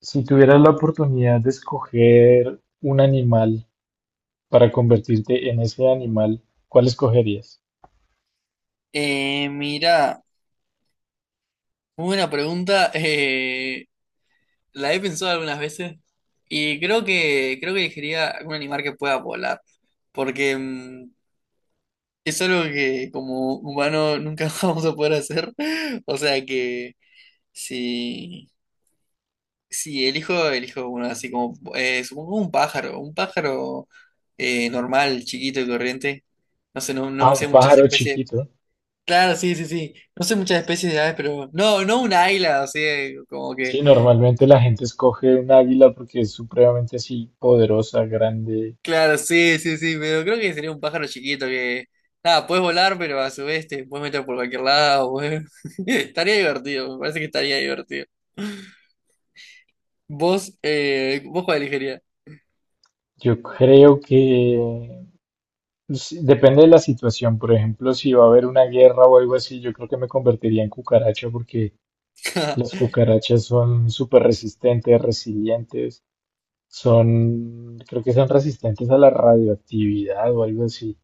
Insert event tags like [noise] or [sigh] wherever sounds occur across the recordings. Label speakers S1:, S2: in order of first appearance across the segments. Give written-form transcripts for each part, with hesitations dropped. S1: Si tuvieras la oportunidad de escoger un animal para convertirte en ese animal, ¿cuál escogerías?
S2: Mira, muy buena pregunta. La he pensado algunas veces y creo que elegiría algún animal que pueda volar, porque es algo que como humano nunca [laughs] vamos a poder hacer. O sea que si si elijo uno así como supongo un pájaro, un pájaro normal, chiquito y corriente. No sé,
S1: A
S2: no
S1: un
S2: sé muchas
S1: pájaro
S2: especies.
S1: chiquito.
S2: Claro, sí, sí, sí. No sé muchas especies de aves, pero no un águila, o sea, como que,
S1: Sí, normalmente la gente escoge un águila porque es supremamente así, poderosa, grande.
S2: claro, sí, sí, sí, pero creo que sería un pájaro chiquito que, nada, puedes volar, pero a su vez te puedes meter por cualquier lado, [laughs] Estaría divertido, me parece que estaría divertido. Vos, vos cuál elegirías.
S1: Yo creo que sí, depende de la situación. Por ejemplo, si va a haber una guerra o algo así, yo creo que me convertiría en cucaracha porque las
S2: [laughs]
S1: cucarachas son súper resistentes, resilientes. Son, creo que son resistentes a la radioactividad o algo así.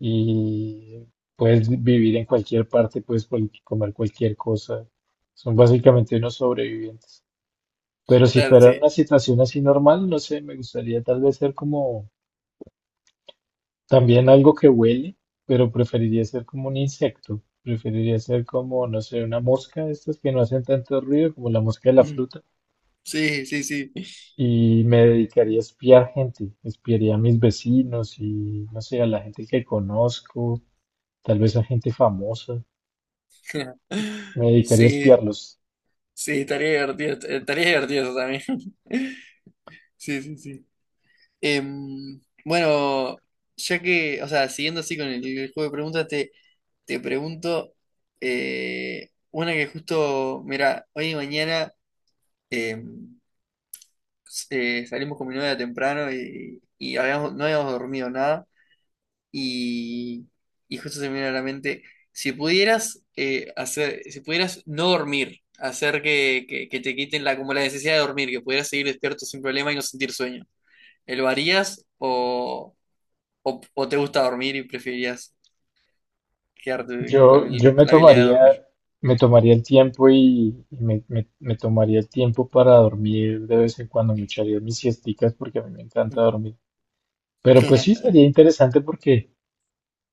S1: Y puedes vivir en cualquier parte, puedes comer cualquier cosa. Son básicamente unos sobrevivientes. Pero si
S2: Claro,
S1: fuera
S2: sí.
S1: una situación así normal, no sé, me gustaría tal vez ser como también algo que huele, pero preferiría ser como un insecto. Preferiría ser como, no sé, una mosca, de estas que no hacen tanto ruido, como la mosca de la
S2: Mm,
S1: fruta.
S2: sí, sí, sí.
S1: Y me dedicaría a espiar gente, espiaría a mis vecinos y no sé, a la gente que conozco, tal vez a gente famosa,
S2: [laughs]
S1: me dedicaría a
S2: Sí,
S1: espiarlos.
S2: sí, estaría divertido eso también. [laughs] Sí, sí, sí. Bueno, ya que, o sea, siguiendo así con el juego de preguntas, te pregunto una que justo, mira, hoy y mañana em, s- salimos con mi novia temprano no habíamos dormido nada y, y justo se me vino a la mente, si pudieras hacer, si pudieras no dormir, hacer que te quiten la, como la necesidad de dormir, que pudieras seguir despierto sin problema y no sentir sueño, ¿lo harías o... O, o te gusta dormir y preferirías quedarte con
S1: Yo me
S2: con la habilidad de
S1: tomaría,
S2: dormir.
S1: el tiempo y me tomaría el tiempo para dormir de vez en cuando, me echaría mis siesticas porque a mí me encanta dormir. Pero pues sí,
S2: [laughs]
S1: sería interesante porque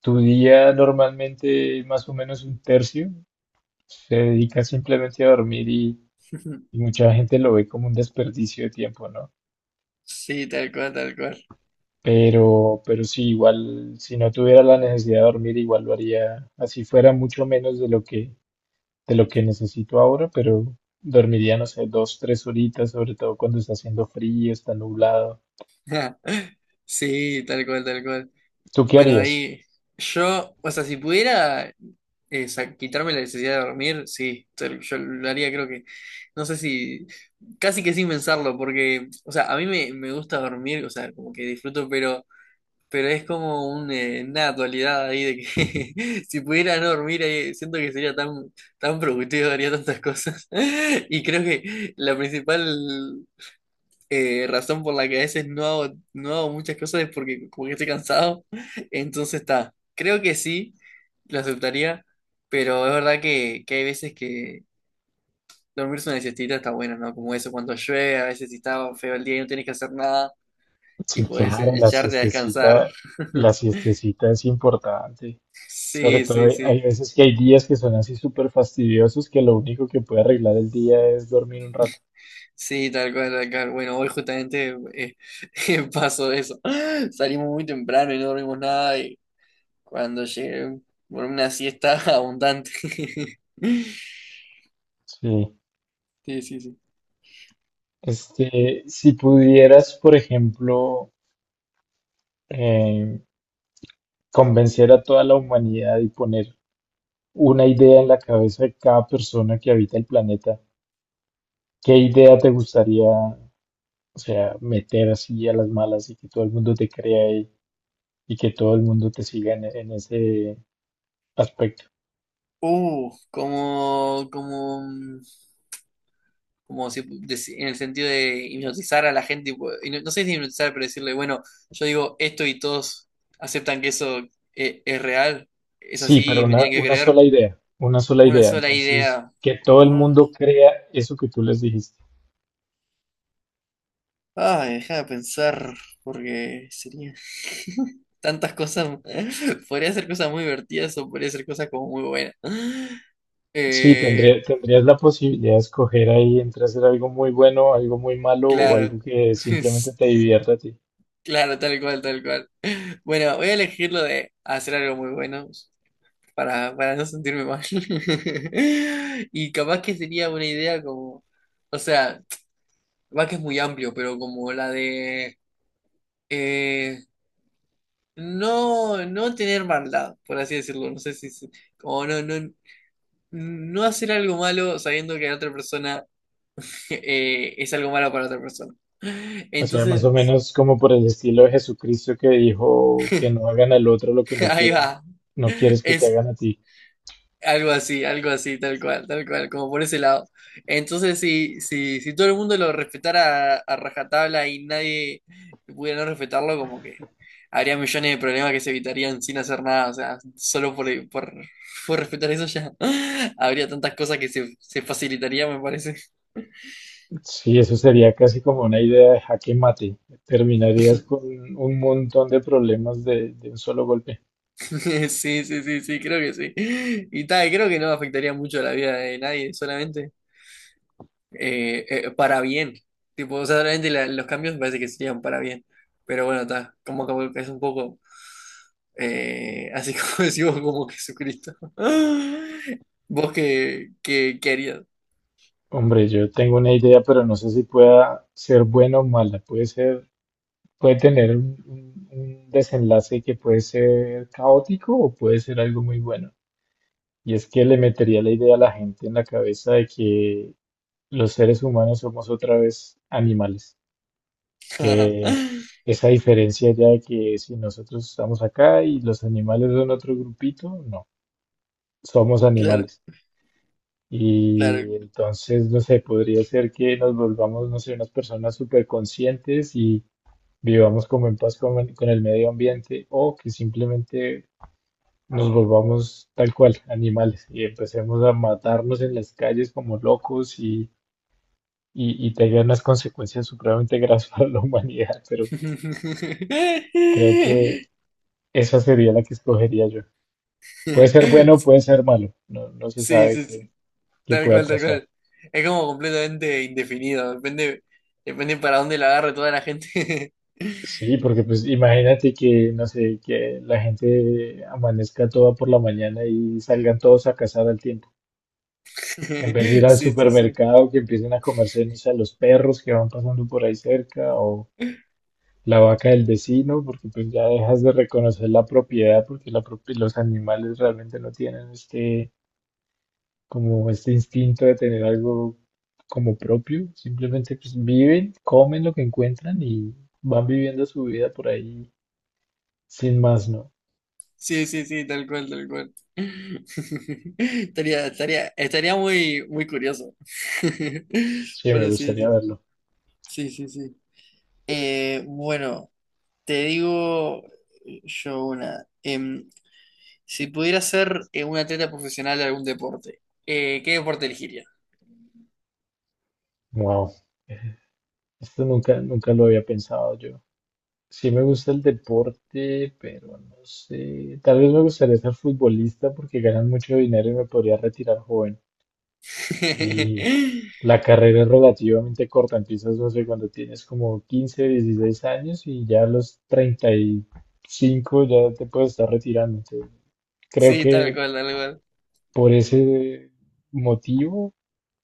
S1: tu día normalmente más o menos un tercio se dedica simplemente a dormir. Y mucha gente lo ve como un desperdicio de tiempo, ¿no?
S2: Sí, tal cual, tal cual.
S1: Pero sí, igual, si no tuviera la necesidad de dormir, igual lo haría, así fuera mucho menos de lo que necesito ahora, pero dormiría, no sé, 2, 3 horitas, sobre todo cuando está haciendo frío, está nublado.
S2: [laughs] Sí, tal cual, tal cual.
S1: ¿Tú qué
S2: Bueno,
S1: harías?
S2: ahí yo, o sea, si pudiera quitarme la necesidad de dormir, sí, tal- yo lo haría, creo que, no sé si, casi que sin pensarlo, porque, o sea, a mí me gusta dormir, o sea, como que disfruto, pero... Pero es como un, una dualidad ahí de que [laughs] si pudiera no dormir, siento que sería tan, tan productivo, haría tantas cosas. [laughs] Y creo que la principal razón por la que a veces no hago muchas cosas es porque como que estoy cansado. [laughs] Entonces está, creo que sí, lo aceptaría, pero es verdad que hay veces que dormirse una siestita está bueno, ¿no? Como eso cuando llueve, a veces si está feo el día y no tienes que hacer nada y
S1: Sí,
S2: puedes
S1: claro,
S2: echarte a descansar.
S1: la
S2: [laughs]
S1: siestecita es importante. Sobre
S2: Sí,
S1: todo
S2: sí,
S1: hay
S2: sí,
S1: veces que hay días que son así súper fastidiosos que lo único que puede arreglar el día es dormir un rato.
S2: sí, tal cual, tal cual. Bueno, hoy justamente [laughs] pasó eso. Salimos muy temprano y no dormimos nada y cuando llegué, dormí una siesta [laughs] abundante. [laughs]
S1: Sí.
S2: Sí, sí, sí.
S1: Este, si pudieras, por ejemplo, eh, convencer a toda la humanidad y poner una idea en la cabeza de cada persona que habita el planeta, ¿qué idea te gustaría, o sea, meter así a las malas y que todo el mundo te crea y que todo el mundo te siga en, ese aspecto?
S2: Uh, como, como, mm, como si en el sentido de hipnotizar a la gente, tipo, y no, no sé si hipnotizar, pero decirle, bueno, yo digo esto y todos aceptan que eso es real, es
S1: Sí, pero
S2: así, me
S1: una,
S2: tienen que
S1: una sola
S2: creer.
S1: idea, una sola
S2: Una
S1: idea.
S2: sola
S1: Entonces,
S2: idea.
S1: que todo el
S2: Ah.
S1: mundo crea eso que tú les dijiste.
S2: Ah, deja de pensar, porque sería [laughs] tantas cosas. [laughs] Podría ser cosas muy divertidas o podría ser cosas como muy buenas.
S1: Sí,
S2: Eh,
S1: tendrías la posibilidad de escoger ahí entre hacer algo muy bueno, algo muy malo o algo
S2: claro.
S1: que
S2: [laughs]
S1: simplemente
S2: Es-
S1: te divierta a ti.
S2: Claro, tal cual, tal cual. Bueno, voy a elegir lo de hacer algo muy bueno para no sentirme mal. [laughs] Y capaz que sería una idea como, o sea, [tsk] capaz que es muy amplio, pero como la de... eh, no tener maldad, por así decirlo. No sé si como no hacer algo malo sabiendo que la otra persona [laughs] es algo malo para otra persona.
S1: O sea, más o
S2: Entonces,
S1: menos como por el estilo de Jesucristo que dijo que no
S2: [laughs]
S1: hagan al otro lo que no
S2: ahí
S1: quieren,
S2: va.
S1: no quieres que te
S2: Es
S1: hagan a ti.
S2: algo así, algo así, tal cual, como por ese lado. Entonces, si todo el mundo lo respetara a rajatabla y nadie pudiera no respetarlo, como que habría millones de problemas que se evitarían sin hacer nada. O sea, solo por respetar eso ya [laughs] habría tantas cosas que se facilitaría, me parece.
S1: Sí, eso sería casi como una idea de jaque mate. Terminarías con
S2: [laughs]
S1: un montón de problemas de, un solo golpe.
S2: Sí, sí, sí, sí, creo que sí. Y tal, creo que no afectaría mucho a la vida de nadie, solamente. Para bien. Tipo, o sea, realmente los cambios me parece que serían para bien. Pero bueno, está, como que es un poco, así [laughs] como decimos, como Jesucristo. [laughs] ¿Vos qué harías?
S1: Hombre, yo tengo una idea, pero no sé si pueda ser buena o mala. Puede tener un desenlace que puede ser caótico o puede ser algo muy bueno. Y es que le metería la idea a la gente en la cabeza de que los seres humanos somos otra vez animales. Que
S2: [laughs]
S1: esa diferencia ya de que si nosotros estamos acá y los animales son otro grupito, no, somos
S2: Claro,
S1: animales.
S2: claro.
S1: Y entonces, no sé, podría ser que nos volvamos, no sé, unas personas súper conscientes y vivamos como en paz con el medio ambiente o que simplemente nos volvamos tal cual, animales, y empecemos a matarnos en las calles como locos y tenga unas consecuencias supremamente graves [laughs] para la humanidad, pero
S2: [laughs]
S1: creo que esa sería la que escogería yo. Puede ser bueno, puede ser malo, no, no se
S2: Sí,
S1: sabe
S2: sí,
S1: qué,
S2: sí,
S1: qué
S2: tal
S1: pueda
S2: cual, tal
S1: pasar.
S2: cual. Es como completamente indefinido, depende, depende para dónde la agarre toda la gente.
S1: Sí,
S2: [laughs]
S1: porque pues imagínate que, no sé, que la gente amanezca toda por la mañana y salgan todos a cazar al tiempo. En vez de ir al
S2: Sí, sí, sí.
S1: supermercado, que empiecen a comerse, no sé, los perros que van pasando por ahí cerca o la vaca del vecino, porque pues ya dejas de reconocer la propiedad, porque los animales realmente no tienen este, como este instinto de tener algo como propio, simplemente pues viven, comen lo que encuentran y van viviendo su vida por ahí sin más, ¿no?
S2: Sí, sí, sí, tal cual, tal cual. [laughs] Estaría, estaría, estaría muy, muy curioso. [laughs]
S1: Sí,
S2: Por
S1: me
S2: así
S1: gustaría
S2: decir.
S1: verlo.
S2: Sí, sí, sí. Bueno, te digo yo una. Si pudiera ser un atleta profesional de algún deporte, ¿qué deporte elegiría?
S1: Wow, esto nunca, nunca lo había pensado yo. Sí me gusta el deporte, pero no sé. Tal vez me gustaría ser futbolista porque ganan mucho dinero y me podría retirar joven. Y
S2: [laughs]
S1: la carrera es relativamente corta. Empiezas, no sé, cuando tienes como 15, 16 años y ya a los 35 ya te puedes estar retirando. Entonces, creo
S2: Sí, tal
S1: que
S2: cual, tal cual.
S1: por ese motivo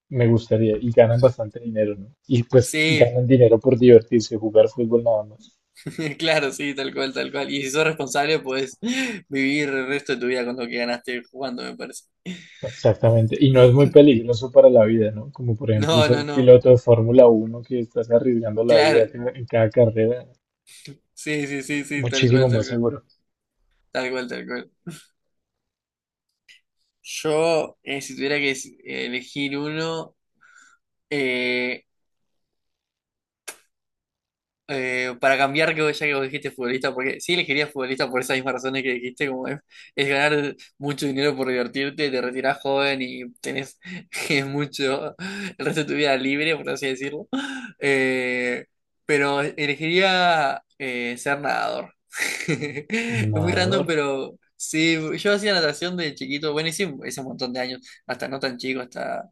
S1: me gustaría. Y ganan bastante dinero, ¿no? Y pues
S2: Sí,
S1: ganan dinero por divertirse, jugar fútbol nada más.
S2: [laughs] claro, sí, tal cual, tal cual. Y si sos responsable, puedes vivir el resto de tu vida con lo que ganaste jugando, me parece. [laughs]
S1: Exactamente, y no es muy peligroso para la vida, ¿no? Como por ejemplo
S2: No,
S1: ser
S2: no, no.
S1: piloto de Fórmula 1 que estás arriesgando la vida
S2: Claro.
S1: en cada carrera,
S2: Sí, sí, sí, sí, tal
S1: muchísimo
S2: cual, tal
S1: más
S2: cual.
S1: seguro.
S2: Tal cual, tal cual. Yo, si tuviera que elegir uno, eh, para cambiar, ya que vos dijiste futbolista, porque sí elegiría futbolista por esas mismas razones que dijiste, como es ganar mucho dinero por divertirte, te retirás joven y tenés [laughs] mucho el resto de tu vida libre, por así decirlo. Eh, pero elegiría ser nadador. [laughs] Es muy random,
S1: Nadador.
S2: pero sí, yo hacía natación de chiquito, bueno, hice ese montón de años, hasta no tan chico,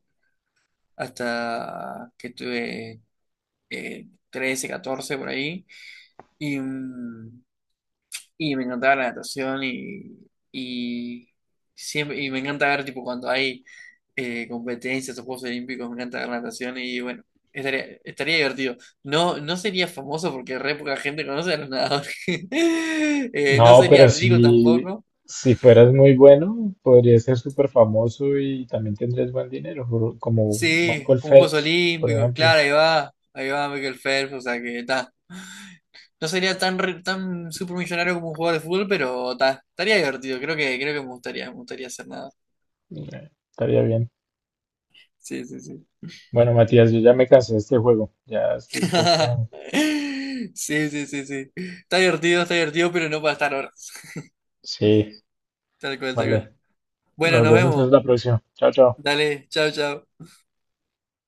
S2: hasta que tuve 13, 14 por ahí. Y, mm, y me encantaba la natación y siempre y me encanta ver tipo cuando hay competencias o Juegos Olímpicos, me encanta ver natación y bueno, estaría, estaría divertido. No, no sería famoso porque re poca gente conoce a los nadadores. [laughs] No
S1: No,
S2: sería
S1: pero
S2: rico
S1: si,
S2: tampoco.
S1: si fueras muy bueno, podrías ser súper famoso y también tendrías buen dinero, como
S2: Sí,
S1: Michael
S2: como Juegos
S1: Phelps, por
S2: Olímpicos,
S1: ejemplo.
S2: claro, ahí va Michael Phelps, o sea que está. No sería tan super millonario como un jugador de fútbol, pero ta, estaría divertido, creo que me gustaría hacer nada.
S1: Estaría bien.
S2: Sí, sí, sí.
S1: Bueno, Matías, yo ya me cansé de este juego, ya estoy un poco...
S2: [laughs] Sí, sí, sí, sí. Está divertido, pero no para estar ahora.
S1: Sí,
S2: Tal cual, tal
S1: vale.
S2: cual. Bueno,
S1: Nos
S2: nos
S1: vemos entonces
S2: vemos.
S1: la próxima. Chao, chao.
S2: Dale, chao, chao.